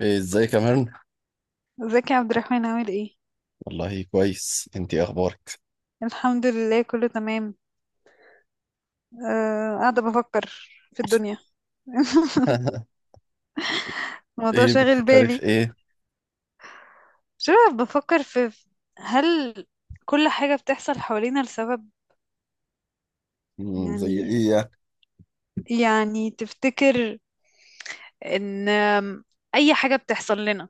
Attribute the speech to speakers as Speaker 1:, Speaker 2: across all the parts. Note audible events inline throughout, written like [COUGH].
Speaker 1: إيه، ازيك يا ميرن؟
Speaker 2: ازيك يا عبد الرحمن عامل ايه؟
Speaker 1: والله كويس، انتي إيه اخبارك؟
Speaker 2: الحمد لله كله تمام. أه، قاعدة بفكر في الدنيا. [LAUGHS]
Speaker 1: [LAUGHS]
Speaker 2: الموضوع
Speaker 1: ايه
Speaker 2: شاغل
Speaker 1: بتفكري في
Speaker 2: بالي.
Speaker 1: ايه؟
Speaker 2: شو بفكر هل كل حاجة بتحصل حوالينا لسبب؟
Speaker 1: مم، زي
Speaker 2: يعني
Speaker 1: ايه يعني؟
Speaker 2: يعني تفتكر ان اي حاجة بتحصل لنا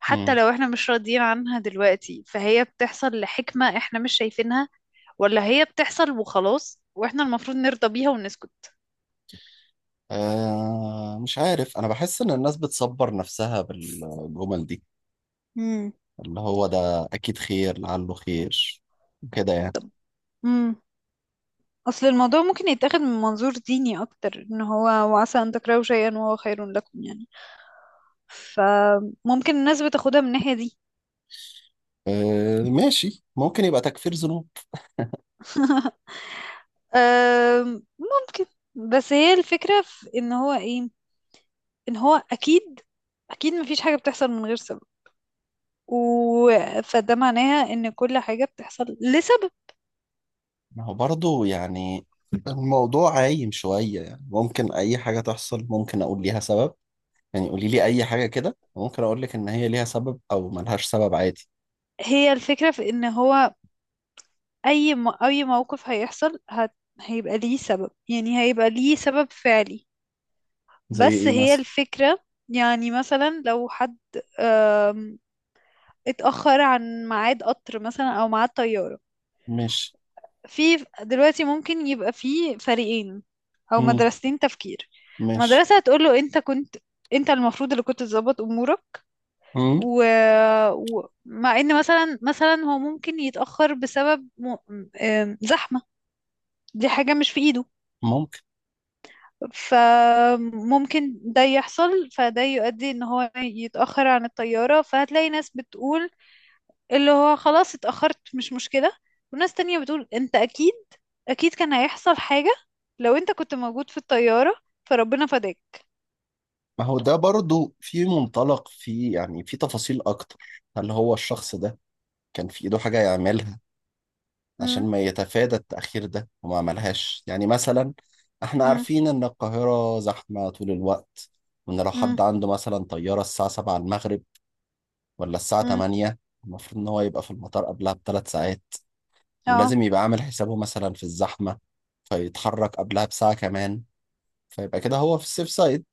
Speaker 2: حتى
Speaker 1: مم.
Speaker 2: لو احنا مش راضيين عنها دلوقتي فهي بتحصل لحكمة احنا مش شايفينها، ولا هي بتحصل وخلاص واحنا المفروض نرضى بيها ونسكت؟
Speaker 1: آه، مش عارف، انا بحس ان الناس بتصبر نفسها بالجمل دي اللي هو ده اكيد خير، لعله خير، كده يعني.
Speaker 2: مم. اصل الموضوع ممكن يتاخد من منظور ديني اكتر، ان هو وعسى ان تكرهوا شيئا وهو خير لكم، يعني فممكن الناس بتاخدها من الناحية دي.
Speaker 1: آه ماشي، ممكن يبقى تكفير ذنوب.
Speaker 2: ممكن. بس هي الفكرة في ان هو ايه؟ ان هو اكيد، اكيد مفيش حاجة بتحصل من غير سبب، و... فده معناها ان كل حاجة بتحصل لسبب.
Speaker 1: ما هو برضه يعني الموضوع عايم شوية، يعني ممكن اي حاجة تحصل ممكن اقول ليها سبب. يعني قولي لي اي حاجة كده ممكن اقول لك ان هي ليها سبب او ملهاش سبب عادي.
Speaker 2: هي الفكرة في ان هو اي موقف هيحصل، هيبقى ليه سبب، يعني هيبقى ليه سبب فعلي.
Speaker 1: زي
Speaker 2: بس
Speaker 1: ايه
Speaker 2: هي
Speaker 1: مثلا؟
Speaker 2: الفكرة، يعني مثلا لو حد آم، اتأخر عن ميعاد قطر مثلا أو ميعاد طيارة،
Speaker 1: مش.
Speaker 2: في دلوقتي ممكن يبقى في فريقين أو
Speaker 1: مم.
Speaker 2: مدرستين تفكير.
Speaker 1: مش.
Speaker 2: مدرسة هتقول له أنت كنت، أنت المفروض اللي كنت تظبط أمورك
Speaker 1: مم.
Speaker 2: و... مع إن مثلا هو ممكن يتأخر بسبب زحمة، دي حاجة مش في إيده،
Speaker 1: ممكن.
Speaker 2: فممكن ده يحصل فده يؤدي ان هو يتأخر عن الطيارة. فهتلاقي ناس بتقول اللي هو خلاص اتأخرت مش مشكلة، وناس تانية بتقول انت اكيد، اكيد كان هيحصل حاجة لو انت كنت موجود في الطيارة فربنا فداك.
Speaker 1: ما هو ده برضو في منطلق، في يعني في تفاصيل اكتر. هل هو الشخص ده كان في ايده حاجة يعملها عشان
Speaker 2: مم،
Speaker 1: ما يتفادى التأخير ده وما عملهاش؟ يعني مثلا احنا
Speaker 2: مم،
Speaker 1: عارفين ان القاهرة زحمة طول الوقت، وان لو
Speaker 2: مم،
Speaker 1: حد عنده مثلا طيارة الساعة 7 المغرب ولا الساعة
Speaker 2: مم،
Speaker 1: 8، المفروض ان هو يبقى في المطار قبلها ب3 ساعات،
Speaker 2: اه،
Speaker 1: ولازم يبقى عامل حسابه مثلا في الزحمة فيتحرك قبلها بساعة كمان، فيبقى كده هو في السيف سايد.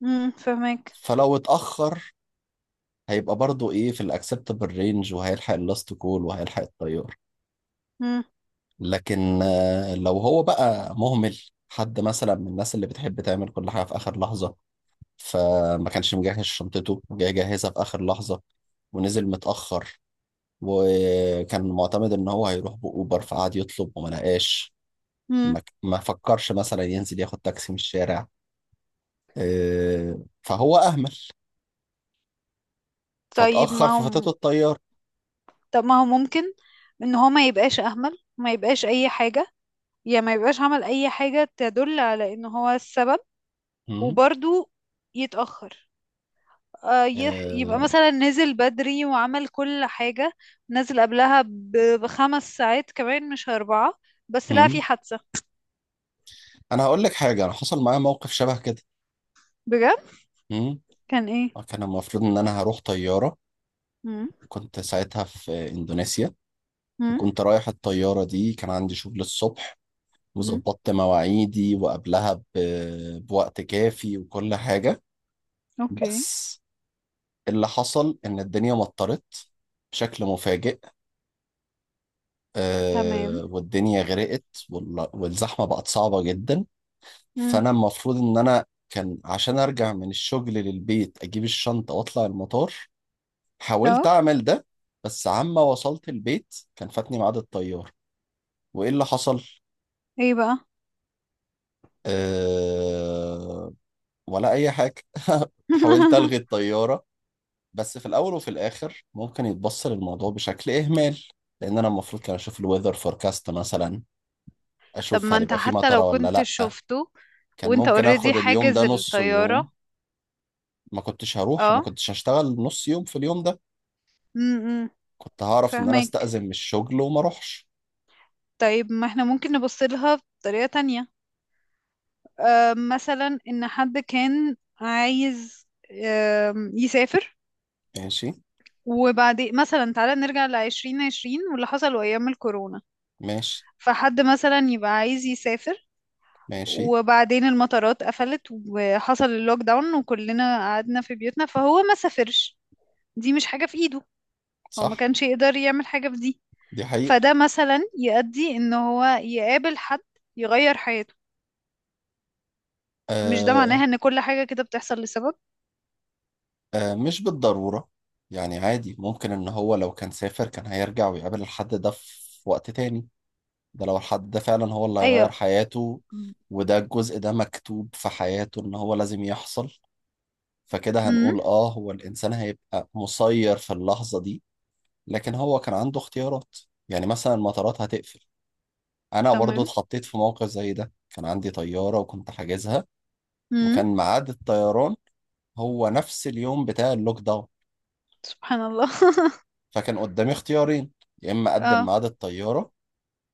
Speaker 2: مم، فهمك.
Speaker 1: فلو اتأخر هيبقى برضو ايه في الاكسبتابل رينج وهيلحق اللاست كول وهيلحق الطيار.
Speaker 2: مم،
Speaker 1: لكن آه، لو هو بقى مهمل، حد مثلا من الناس اللي بتحب تعمل كل حاجة في آخر لحظة، فما كانش مجهز شنطته، جاي جاهزة في آخر لحظة، ونزل متأخر، وكان معتمد إن هو هيروح بأوبر فقعد يطلب وما لقاش.
Speaker 2: مم.
Speaker 1: ما فكرش مثلا ينزل ياخد تاكسي من الشارع. آه، فهو أهمل
Speaker 2: طيب
Speaker 1: فاتأخر
Speaker 2: ما
Speaker 1: ففاتته
Speaker 2: هم
Speaker 1: الطيارة.
Speaker 2: طب ما هو ممكن ان هو ما يبقاش اهمل، ما يبقاش اي حاجة، يا ما يبقاش عمل اي حاجة تدل على ان هو السبب،
Speaker 1: مم.
Speaker 2: وبرضو يتأخر. يبقى
Speaker 1: آه،
Speaker 2: مثلا نزل بدري وعمل كل حاجة، نزل قبلها ب5 ساعات كمان مش 4، بس لا
Speaker 1: مم.
Speaker 2: في حادثة.
Speaker 1: انا هقول لك حاجه، انا حصل معايا موقف شبه كده.
Speaker 2: بجد؟
Speaker 1: مم.
Speaker 2: كان ايه؟
Speaker 1: كان المفروض ان انا هروح طياره،
Speaker 2: مم.
Speaker 1: كنت ساعتها في اندونيسيا.
Speaker 2: مم.
Speaker 1: كنت رايح الطياره دي، كان عندي شغل الصبح
Speaker 2: مم.
Speaker 1: وظبطت مواعيدي وقبلها بوقت كافي وكل حاجه.
Speaker 2: اوكي.
Speaker 1: بس اللي حصل ان الدنيا مطرت بشكل مفاجئ،
Speaker 2: تمام.
Speaker 1: آه والدنيا غرقت. والزحمه بقت صعبه جدا.
Speaker 2: مم.
Speaker 1: فانا المفروض ان انا كان عشان ارجع من الشغل للبيت اجيب الشنطه واطلع المطار.
Speaker 2: اه.
Speaker 1: حاولت اعمل ده، بس عما وصلت البيت كان فاتني ميعاد الطيار. وايه اللي حصل؟
Speaker 2: ايه بقى؟
Speaker 1: أه... ولا اي حاجه. [LAUGHS] حاولت الغي
Speaker 2: [LAUGHS]
Speaker 1: الطياره، بس في الاول وفي الاخر ممكن يتبص للموضوع بشكل اهمال، لان انا المفروض كان اشوف الويذر فوركاست مثلا،
Speaker 2: طب
Speaker 1: اشوف
Speaker 2: ما
Speaker 1: هل
Speaker 2: انت
Speaker 1: يبقى في
Speaker 2: حتى
Speaker 1: مطره
Speaker 2: لو
Speaker 1: ولا
Speaker 2: كنت
Speaker 1: لا.
Speaker 2: شفته
Speaker 1: كان
Speaker 2: وانت
Speaker 1: ممكن
Speaker 2: اوريدي
Speaker 1: اخد اليوم ده
Speaker 2: حاجز
Speaker 1: نصه يوم.
Speaker 2: الطيارة.
Speaker 1: ما كنتش هروح، ما
Speaker 2: اه.
Speaker 1: كنتش هشتغل نص يوم في اليوم ده،
Speaker 2: امم.
Speaker 1: كنت هعرف ان انا
Speaker 2: فاهمك.
Speaker 1: استأذن من الشغل وما اروحش.
Speaker 2: طيب ما احنا ممكن نبص لها بطريقة تانية. مثلا ان حد كان عايز، يسافر،
Speaker 1: ماشي.
Speaker 2: وبعدين مثلا تعالى نرجع ل2020 واللي حصل ايام الكورونا.
Speaker 1: ماشي.
Speaker 2: فحد مثلا يبقى عايز يسافر
Speaker 1: ماشي.
Speaker 2: وبعدين المطارات قفلت وحصل اللوك داون وكلنا قعدنا في بيوتنا فهو ما سافرش. دي مش حاجة في ايده. هو ما
Speaker 1: صح.
Speaker 2: كانش يقدر يعمل حاجة في دي.
Speaker 1: دي حقيقة.
Speaker 2: فده مثلا يؤدي ان هو يقابل حد يغير حياته. مش ده
Speaker 1: آه.
Speaker 2: معناها ان كل حاجة كده بتحصل لسبب؟
Speaker 1: آه، مش بالضرورة. يعني عادي ممكن ان هو لو كان سافر كان هيرجع ويقابل الحد ده في وقت تاني، ده لو الحد ده فعلا هو اللي هيغير
Speaker 2: ايوه.
Speaker 1: حياته، وده الجزء ده مكتوب في حياته ان هو لازم يحصل. فكده
Speaker 2: امم.
Speaker 1: هنقول اه هو الانسان هيبقى مسير في اللحظة دي، لكن هو كان عنده اختيارات. يعني مثلا المطارات هتقفل، انا برضو
Speaker 2: تمام.
Speaker 1: اتحطيت في موقف زي ده، كان عندي طيارة وكنت حاجزها، وكان ميعاد الطيران هو نفس اليوم بتاع اللوك داون.
Speaker 2: سبحان الله.
Speaker 1: فكان قدامي اختيارين، يا اما
Speaker 2: [LAUGHS]
Speaker 1: اقدم
Speaker 2: اه.
Speaker 1: ميعاد الطيارة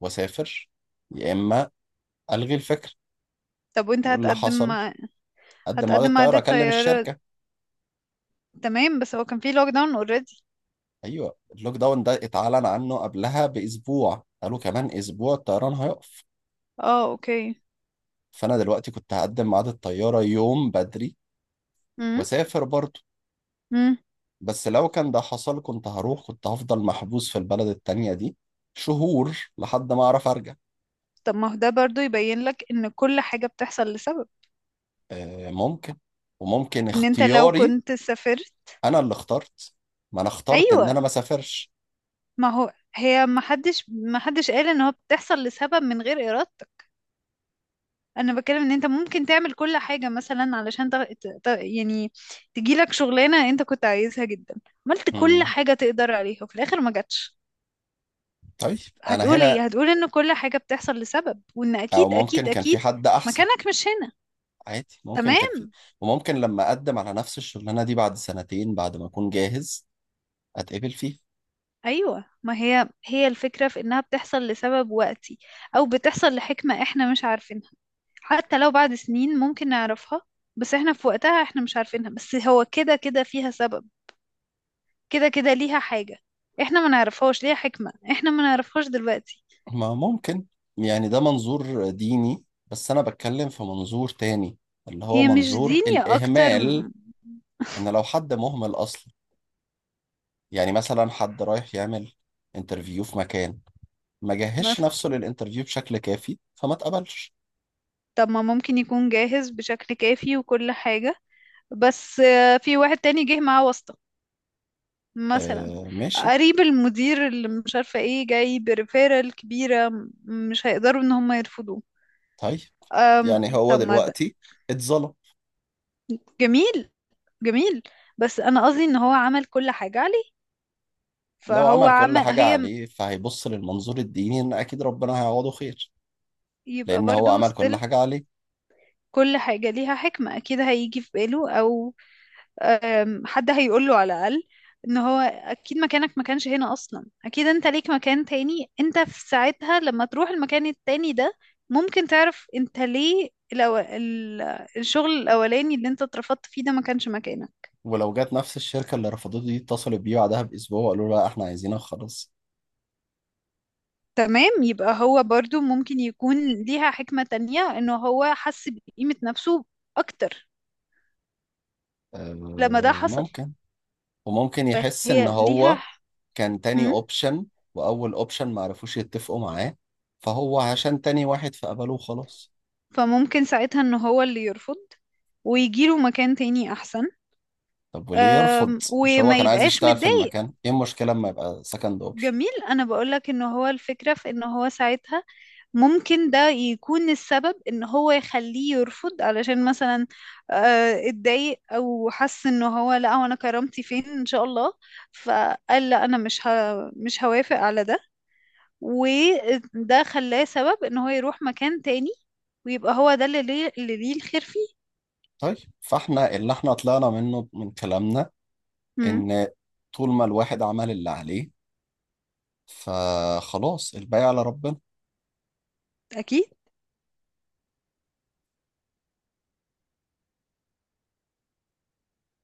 Speaker 1: واسافر، يا اما الغي الفكرة.
Speaker 2: طب وانت
Speaker 1: واللي
Speaker 2: هتقدم
Speaker 1: حصل،
Speaker 2: مع،
Speaker 1: اقدم ميعاد
Speaker 2: هتقدم مع
Speaker 1: الطيارة
Speaker 2: عادة
Speaker 1: اكلم
Speaker 2: طيارة؟
Speaker 1: الشركة.
Speaker 2: تمام، بس هو كان في لوك داون اوريدي.
Speaker 1: ايوه، اللوك داون ده اتعلن عنه قبلها باسبوع، قالوا كمان اسبوع الطيران هيقف.
Speaker 2: اه. اوكي.
Speaker 1: فانا دلوقتي كنت هقدم ميعاد الطيارة يوم بدري
Speaker 2: امم.
Speaker 1: واسافر برضو،
Speaker 2: امم.
Speaker 1: بس لو كان ده حصل كنت هروح، كنت هفضل محبوس في البلد التانية دي شهور لحد ما أعرف أرجع.
Speaker 2: طب ما هو ده برضو يبين لك ان كل حاجة بتحصل لسبب.
Speaker 1: آه، ممكن. وممكن
Speaker 2: ان انت لو
Speaker 1: اختياري،
Speaker 2: كنت سافرت.
Speaker 1: أنا اللي اخترت، ما أنا اخترت إن
Speaker 2: ايوه.
Speaker 1: أنا ما سافرش.
Speaker 2: ما هو هي ما حدش قال ان هو بتحصل لسبب من غير ارادتك. انا بتكلم ان انت ممكن تعمل كل حاجة مثلا علشان يعني تجيلك شغلانة انت كنت عايزها جدا، عملت كل
Speaker 1: مم.
Speaker 2: حاجة تقدر عليها وفي الاخر ما جاتش.
Speaker 1: طيب. أنا
Speaker 2: هتقول ايه؟
Speaker 1: هنا،
Speaker 2: هتقول ان كل حاجة بتحصل لسبب، وان
Speaker 1: أو
Speaker 2: اكيد،
Speaker 1: ممكن
Speaker 2: اكيد،
Speaker 1: كان في
Speaker 2: اكيد
Speaker 1: حد أحسن.
Speaker 2: مكانك مش هنا.
Speaker 1: عادي، ممكن كان في.
Speaker 2: تمام.
Speaker 1: وممكن لما أقدم على نفس الشغلانة دي بعد سنتين بعد ما أكون جاهز أتقبل فيه.
Speaker 2: ايوه، ما هي هي الفكرة في انها بتحصل لسبب وقتي، او بتحصل لحكمة احنا مش عارفينها. حتى لو بعد سنين ممكن نعرفها، بس احنا في وقتها احنا مش عارفينها. بس هو كده كده فيها سبب، كده كده ليها حاجة، احنا ما نعرفهاش. ليها حكمة احنا ما نعرفهاش دلوقتي.
Speaker 1: ما ممكن. يعني ده منظور ديني، بس أنا بتكلم في منظور تاني، اللي هو
Speaker 2: هي مش
Speaker 1: منظور
Speaker 2: دين، يا اكتر
Speaker 1: الإهمال. ان لو حد مهمل اصلا، يعني مثلا حد رايح يعمل انترفيو في مكان، ما جهزش
Speaker 2: مثلا.
Speaker 1: نفسه للانترفيو بشكل كافي فما اتقبلش.
Speaker 2: طب ما ممكن يكون جاهز بشكل كافي وكل حاجة، بس في واحد تاني جه معاه واسطة مثلا،
Speaker 1: آه ماشي.
Speaker 2: قريب المدير اللي مش عارفة ايه جاي بريفيرال كبيرة مش هيقدروا ان هم يرفضوه.
Speaker 1: طيب،
Speaker 2: أم،
Speaker 1: يعني هو
Speaker 2: طب ما ده
Speaker 1: دلوقتي اتظلم.
Speaker 2: جميل، جميل. بس انا قصدي ان هو عمل كل حاجة عليه،
Speaker 1: لو
Speaker 2: فهو
Speaker 1: عمل كل
Speaker 2: عمل
Speaker 1: حاجة عليه فهيبص للمنظور الديني ان اكيد ربنا هيعوضه خير،
Speaker 2: يبقى
Speaker 1: لان هو
Speaker 2: برضو
Speaker 1: عمل كل
Speaker 2: ستيل
Speaker 1: حاجة عليه.
Speaker 2: كل حاجة ليها حكمة اكيد هيجي في باله، او حد هيقوله على الأقل ان هو اكيد مكانك ما كانش هنا اصلا، اكيد انت ليك مكان تاني، انت في ساعتها لما تروح المكان التاني ده ممكن تعرف انت ليه الشغل الاولاني اللي انت اترفضت فيه ده ما كانش مكانك.
Speaker 1: ولو جت نفس الشركة اللي رفضته دي اتصلت بيه بعدها باسبوع وقالوا له لا احنا عايزينك خلاص.
Speaker 2: تمام يبقى هو برضو ممكن يكون ليها حكمة تانية انه هو حس بقيمة نفسه اكتر
Speaker 1: آه،
Speaker 2: لما ده حصل.
Speaker 1: ممكن. وممكن يحس ان
Speaker 2: فهي ليها.
Speaker 1: هو كان تاني
Speaker 2: هم؟
Speaker 1: اوبشن، واول اوبشن ما عرفوش يتفقوا معاه، فهو عشان تاني واحد فقبله وخلاص.
Speaker 2: فممكن ساعتها ان هو اللي يرفض ويجيله مكان تاني احسن.
Speaker 1: طب وليه يرفض؟ مش هو
Speaker 2: وما
Speaker 1: كان عايز
Speaker 2: يبقاش
Speaker 1: يشتغل في
Speaker 2: متضايق.
Speaker 1: المكان؟ ايه المشكلة اما يبقى سكند اوبشن؟
Speaker 2: جميل، انا بقولك ان هو الفكرة في ان هو ساعتها ممكن ده يكون السبب ان هو يخليه يرفض، علشان مثلا اتضايق او حس ان هو لا هو انا كرامتي فين ان شاء الله، فقال لا انا مش هوافق على ده، وده خلاه سبب ان هو يروح مكان تاني، ويبقى هو ده اللي ليه, اللي ليه الخير فيه.
Speaker 1: طيب فاحنا اللي احنا طلعنا منه من كلامنا
Speaker 2: امم.
Speaker 1: ان طول ما الواحد عمل اللي عليه فخلاص الباقي على ربنا.
Speaker 2: اكيد.